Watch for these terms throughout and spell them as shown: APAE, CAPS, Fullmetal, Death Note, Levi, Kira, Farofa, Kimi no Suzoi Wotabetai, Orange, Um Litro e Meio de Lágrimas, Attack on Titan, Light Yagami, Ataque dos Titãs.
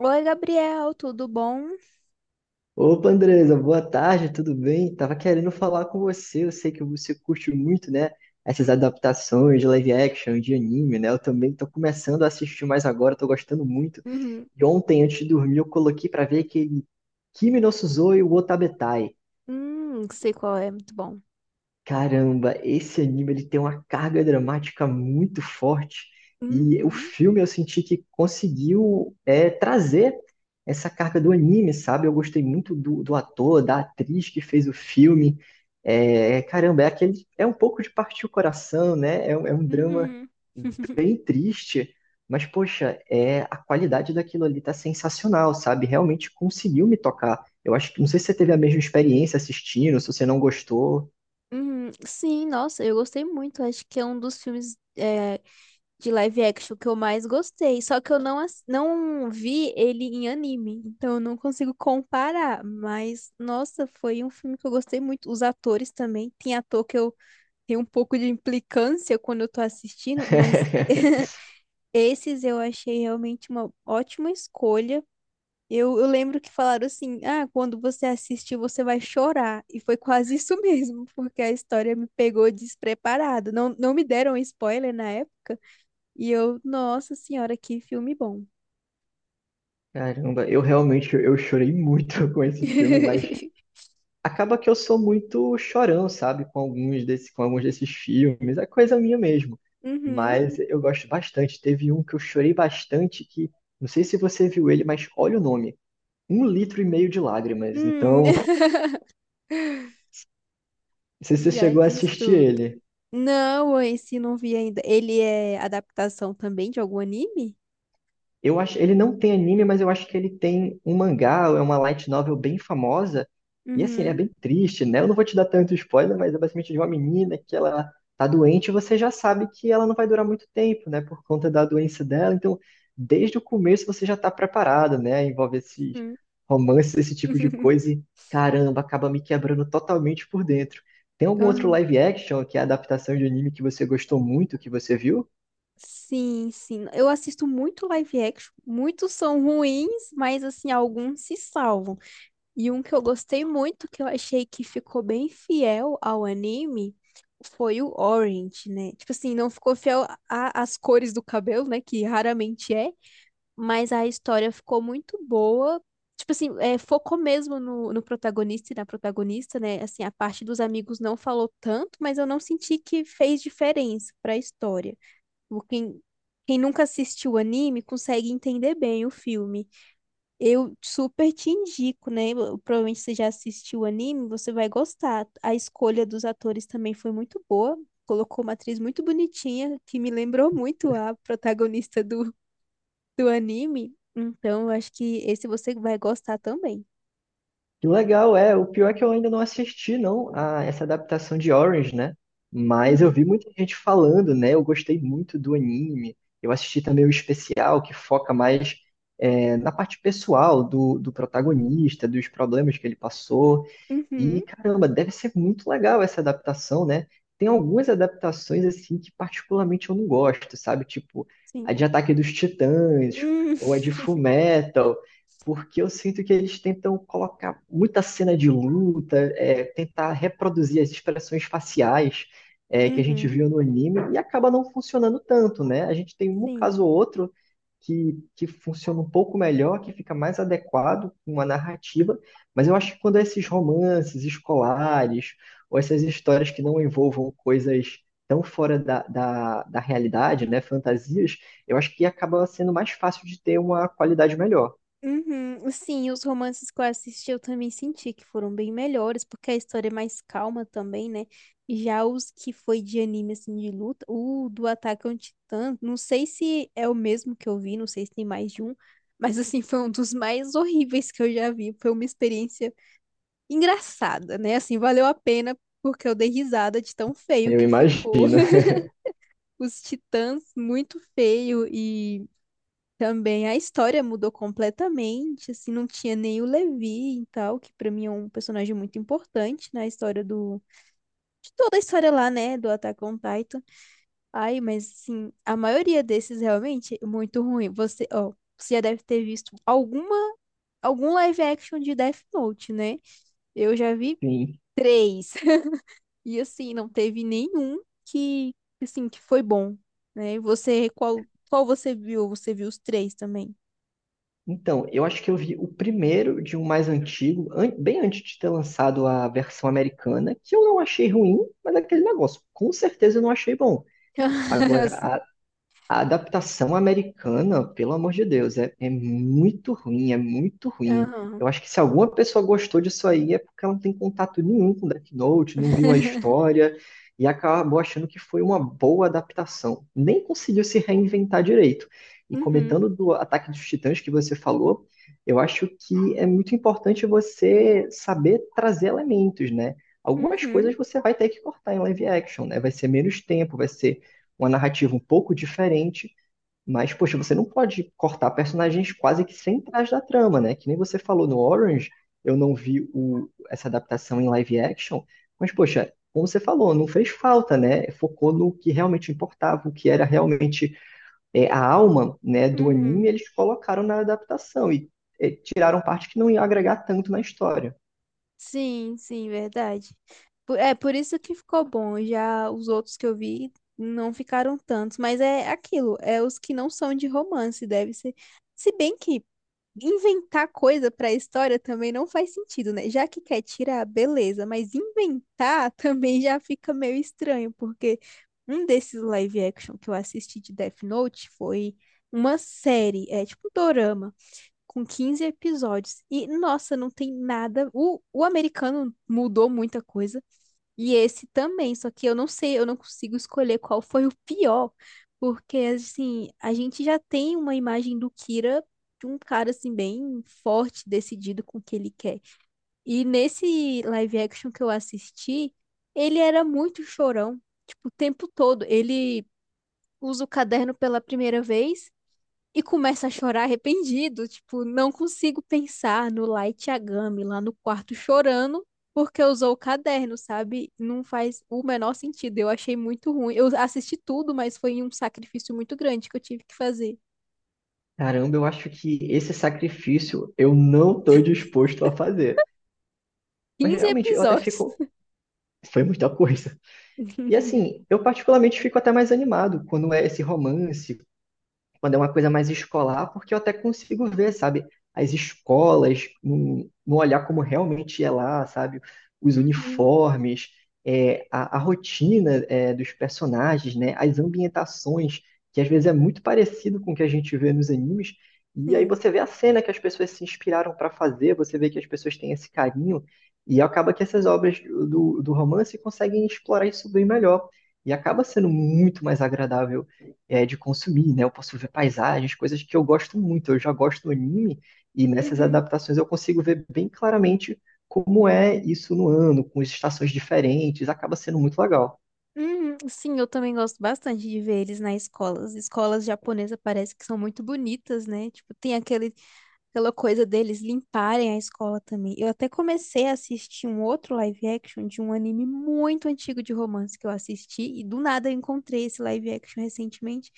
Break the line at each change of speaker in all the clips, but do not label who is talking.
Oi, Gabriel, tudo bom?
Opa, Andresa, boa tarde, tudo bem? Tava querendo falar com você. Eu sei que você curte muito, né? Essas adaptações de live action, de anime, né? Eu também tô começando a assistir mais agora, tô gostando muito.
Uhum.
E ontem, antes de dormir, eu coloquei pra ver aquele Kimi no Suzoi Wotabetai.
Sei qual é, muito bom.
Caramba, esse anime ele tem uma carga dramática muito forte e o
Uhum.
filme eu senti que conseguiu trazer essa carga do anime, sabe? Eu gostei muito do ator, da atriz que fez o filme. É, caramba, é aquele, é um pouco de partir o coração, né? É um drama
Uhum.
bem triste, mas poxa, é a qualidade daquilo ali tá sensacional, sabe? Realmente conseguiu me tocar. Eu acho que não sei se você teve a mesma experiência assistindo, se você não gostou.
Sim, nossa, eu gostei muito. Acho que é um dos filmes é, de live action que eu mais gostei. Só que eu não vi ele em anime, então eu não consigo comparar. Mas, nossa, foi um filme que eu gostei muito. Os atores também. Tem ator que eu tenho um pouco de implicância quando eu tô assistindo, mas esses eu achei realmente uma ótima escolha. Eu lembro que falaram assim: ah, quando você assistir, você vai chorar. E foi quase isso mesmo, porque a história me pegou despreparada. Não, não me deram spoiler na época. E eu, nossa senhora, que filme bom.
Caramba, eu realmente eu chorei muito com esse filme, mas acaba que eu sou muito chorão, sabe, com alguns desse, com alguns desses filmes, é coisa minha mesmo.
Uhum.
Mas eu gosto bastante. Teve um que eu chorei bastante que não sei se você viu ele, mas olha o nome, um litro e meio de lágrimas.
Hum,
Então, não sei se você
já
chegou a
diz
assistir
tudo.
ele.
Não, esse não vi ainda. Ele é adaptação também de algum anime?
Eu acho, ele não tem anime, mas eu acho que ele tem um mangá, é uma light novel bem famosa. E assim, ele é
Uhum.
bem triste, né? Eu não vou te dar tanto spoiler, mas é basicamente de uma menina que ela tá doente, e você já sabe que ela não vai durar muito tempo, né? Por conta da doença dela. Então, desde o começo você já tá preparado, né? Envolve esses
Uhum.
romances, esse tipo de coisa, e caramba, acaba me quebrando totalmente por dentro. Tem algum outro
Aham.
live action, que é a adaptação de anime que você gostou muito, que você viu?
Sim, sim. Eu assisto muito live action. Muitos são ruins, mas assim, alguns se salvam. E um que eu gostei muito, que eu achei que ficou bem fiel ao anime, foi o Orange, né? Tipo assim, não ficou fiel a- às cores do cabelo, né? Que raramente é, mas a história ficou muito boa. Tipo assim, é, focou mesmo no protagonista e na protagonista, né? Assim, a parte dos amigos não falou tanto, mas eu não senti que fez diferença para a história. Tipo, Quem nunca assistiu anime consegue entender bem o filme. Eu super te indico, né? Provavelmente você já assistiu o anime, você vai gostar. A escolha dos atores também foi muito boa. Colocou uma atriz muito bonitinha, que me lembrou muito a protagonista do, do anime. Então, eu acho que esse você vai gostar também.
Que legal, é. O pior é que eu ainda não assisti, não, a essa adaptação de Orange, né? Mas eu vi
Uhum,
muita gente falando, né? Eu gostei muito do anime. Eu assisti também o especial, que foca mais na parte pessoal do protagonista, dos problemas que ele passou.
uhum,
E caramba, deve ser muito legal essa adaptação, né? Tem algumas adaptações assim que particularmente eu não gosto, sabe? Tipo
sim.
a de Ataque dos Titãs
Hum,
ou a de Fullmetal, porque eu sinto que eles tentam colocar muita cena de luta, tentar reproduzir as expressões faciais que a gente
uhum,
viu no anime e acaba não funcionando tanto, né? A gente tem um
sim.
caso ou outro que funciona um pouco melhor, que fica mais adequado com uma narrativa, mas eu acho que quando esses romances escolares, ou essas histórias que não envolvam coisas tão fora da realidade, né, fantasias, eu acho que acaba sendo mais fácil de ter uma qualidade melhor.
Uhum, sim, os romances que eu assisti eu também senti que foram bem melhores, porque a história é mais calma também, né? Já os que foi de anime, assim, de luta, o do Ataque a um Titã, não sei se é o mesmo que eu vi, não sei se tem mais de um, mas, assim, foi um dos mais horríveis que eu já vi. Foi uma experiência engraçada, né? Assim, valeu a pena, porque eu dei risada de tão feio
Eu
que ficou.
imagino.
Os titãs, muito feio e. Também a história mudou completamente, assim, não tinha nem o Levi e tal, que pra mim é um personagem muito importante na história do... De toda a história lá, né, do Attack on Titan. Ai, mas, assim, a maioria desses realmente é muito ruim. Você, ó, você já deve ter visto alguma, algum live action de Death Note, né? Eu já vi
Sim.
três. E, assim, não teve nenhum que, assim, que foi bom, né? Você, qual você viu? Você viu os três também?
Então, eu acho que eu vi o primeiro de um mais antigo, bem antes de ter lançado a versão americana, que eu não achei ruim, mas é aquele negócio, com certeza eu não achei bom. Agora, a adaptação americana, pelo amor de Deus, é muito ruim, é muito ruim. Eu
Aham.
acho que se alguma pessoa gostou disso aí é porque ela não tem contato nenhum com Death Note, não viu a história e acabou achando que foi uma boa adaptação. Nem conseguiu se reinventar direito. E
Uhum,
comentando do Ataque dos Titãs que você falou, eu acho que é muito importante você saber trazer elementos, né? Algumas
uhum,
coisas você vai ter que cortar em live action, né? Vai ser menos tempo, vai ser uma narrativa um pouco diferente, mas, poxa, você não pode cortar personagens quase que sem trás da trama, né? Que nem você falou no Orange, eu não vi essa adaptação em live action, mas, poxa, como você falou, não fez falta, né? Focou no que realmente importava, o que era realmente a alma né, do anime,
uhum.
eles colocaram na adaptação e tiraram parte que não ia agregar tanto na história.
Sim, sim, verdade. É por isso que ficou bom. Já os outros que eu vi não ficaram tantos, mas é aquilo, é os que não são de romance, deve ser. Se bem que inventar coisa pra história também não faz sentido, né? Já que quer tirar, beleza, mas inventar também já fica meio estranho, porque um desses live action que eu assisti de Death Note foi uma série, é tipo um dorama. Com 15 episódios. E, nossa, não tem nada. O americano mudou muita coisa. E esse também. Só que eu não sei, eu não consigo escolher qual foi o pior. Porque, assim, a gente já tem uma imagem do Kira de um cara, assim, bem forte, decidido com o que ele quer. E nesse live action que eu assisti, ele era muito chorão. Tipo, o tempo todo. Ele usa o caderno pela primeira vez. E começa a chorar arrependido, tipo, não consigo pensar no Light Yagami lá no quarto chorando porque usou o caderno, sabe? Não faz o menor sentido. Eu achei muito ruim. Eu assisti tudo, mas foi um sacrifício muito grande que eu tive que fazer.
Caramba, eu acho que esse sacrifício eu não estou disposto a fazer. Mas
quinze
realmente, eu até
episódios.
fico, foi muita coisa. E assim, eu particularmente fico até mais animado quando é esse romance, quando é uma coisa mais escolar, porque eu até consigo ver, sabe, as escolas, no olhar como realmente é lá, sabe, os
Uhum,
uniformes, é, a rotina, é, dos personagens, né, as ambientações, que às vezes é muito parecido com o que a gente vê nos animes, e aí
sim.
você vê a cena que as pessoas se inspiraram para fazer, você vê que as pessoas têm esse carinho, e acaba que essas obras do romance conseguem explorar isso bem melhor. E acaba sendo muito mais agradável de consumir, né? Eu posso ver paisagens, coisas que eu gosto muito. Eu já gosto do anime e nessas
Uhum.
adaptações eu consigo ver bem claramente como é isso no ano, com as estações diferentes. Acaba sendo muito legal.
Uhum. Sim, eu também gosto bastante de ver eles na escola. As escolas japonesas parece que são muito bonitas, né? Tipo, tem aquele pela coisa deles limparem a escola também. Eu até comecei a assistir um outro live action de um anime muito antigo de romance que eu assisti, e do nada eu encontrei esse live action recentemente.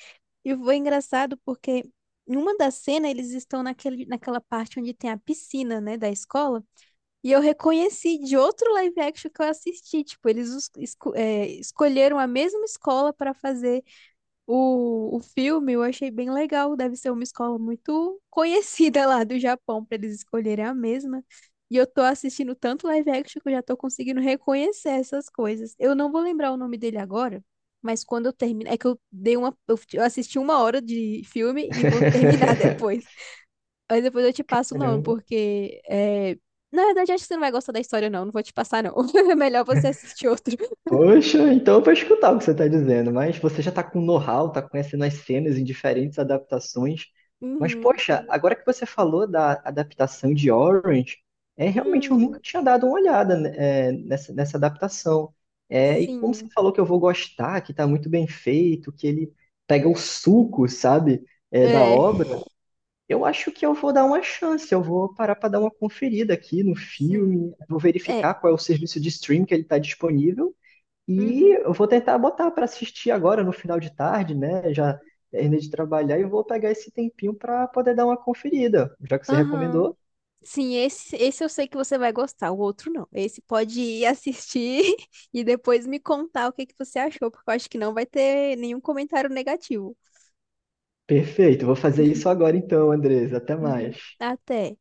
E foi engraçado porque numa das cenas eles estão naquele, naquela parte onde tem a piscina, né, da escola. E eu reconheci de outro live action que eu assisti. Tipo, eles escolheram a mesma escola para fazer o filme. Eu achei bem legal, deve ser uma escola muito conhecida lá do Japão para eles escolherem a mesma. E eu tô assistindo tanto live action que eu já tô conseguindo reconhecer essas coisas. Eu não vou lembrar o nome dele agora, mas quando eu terminar, é que eu dei uma, eu assisti uma hora de filme e vou terminar depois. Mas depois eu te passo o nome, porque é... Na verdade acho que você não vai gostar da história não, não vou te passar não. É melhor você assistir outro.
Poxa, então eu vou escutar o que você está dizendo, mas você já está com know-how, está conhecendo as cenas em diferentes adaptações. Mas,
Uhum.
poxa, agora que você falou da adaptação de Orange, é realmente eu nunca
Hum,
tinha dado uma olhada, né, é, nessa adaptação. É, e como você
sim.
falou que eu vou gostar, que está muito bem feito, que ele pega o suco, sabe, é, da
É.
obra, eu acho que eu vou dar uma chance, eu vou parar para dar uma conferida aqui no
Sim.
filme, vou
É.
verificar qual é o serviço de stream que ele está disponível. E
Uhum.
eu vou tentar botar para assistir agora no final de tarde, né? Já terminei de trabalhar e vou pegar esse tempinho para poder dar uma conferida. Já que você
Aham.
recomendou,
Sim, esse eu sei que você vai gostar, o outro não. Esse pode ir assistir e depois me contar o que que você achou, porque eu acho que não vai ter nenhum comentário negativo.
perfeito. Vou fazer isso agora então, Andres. Até
Uhum.
mais.
Até.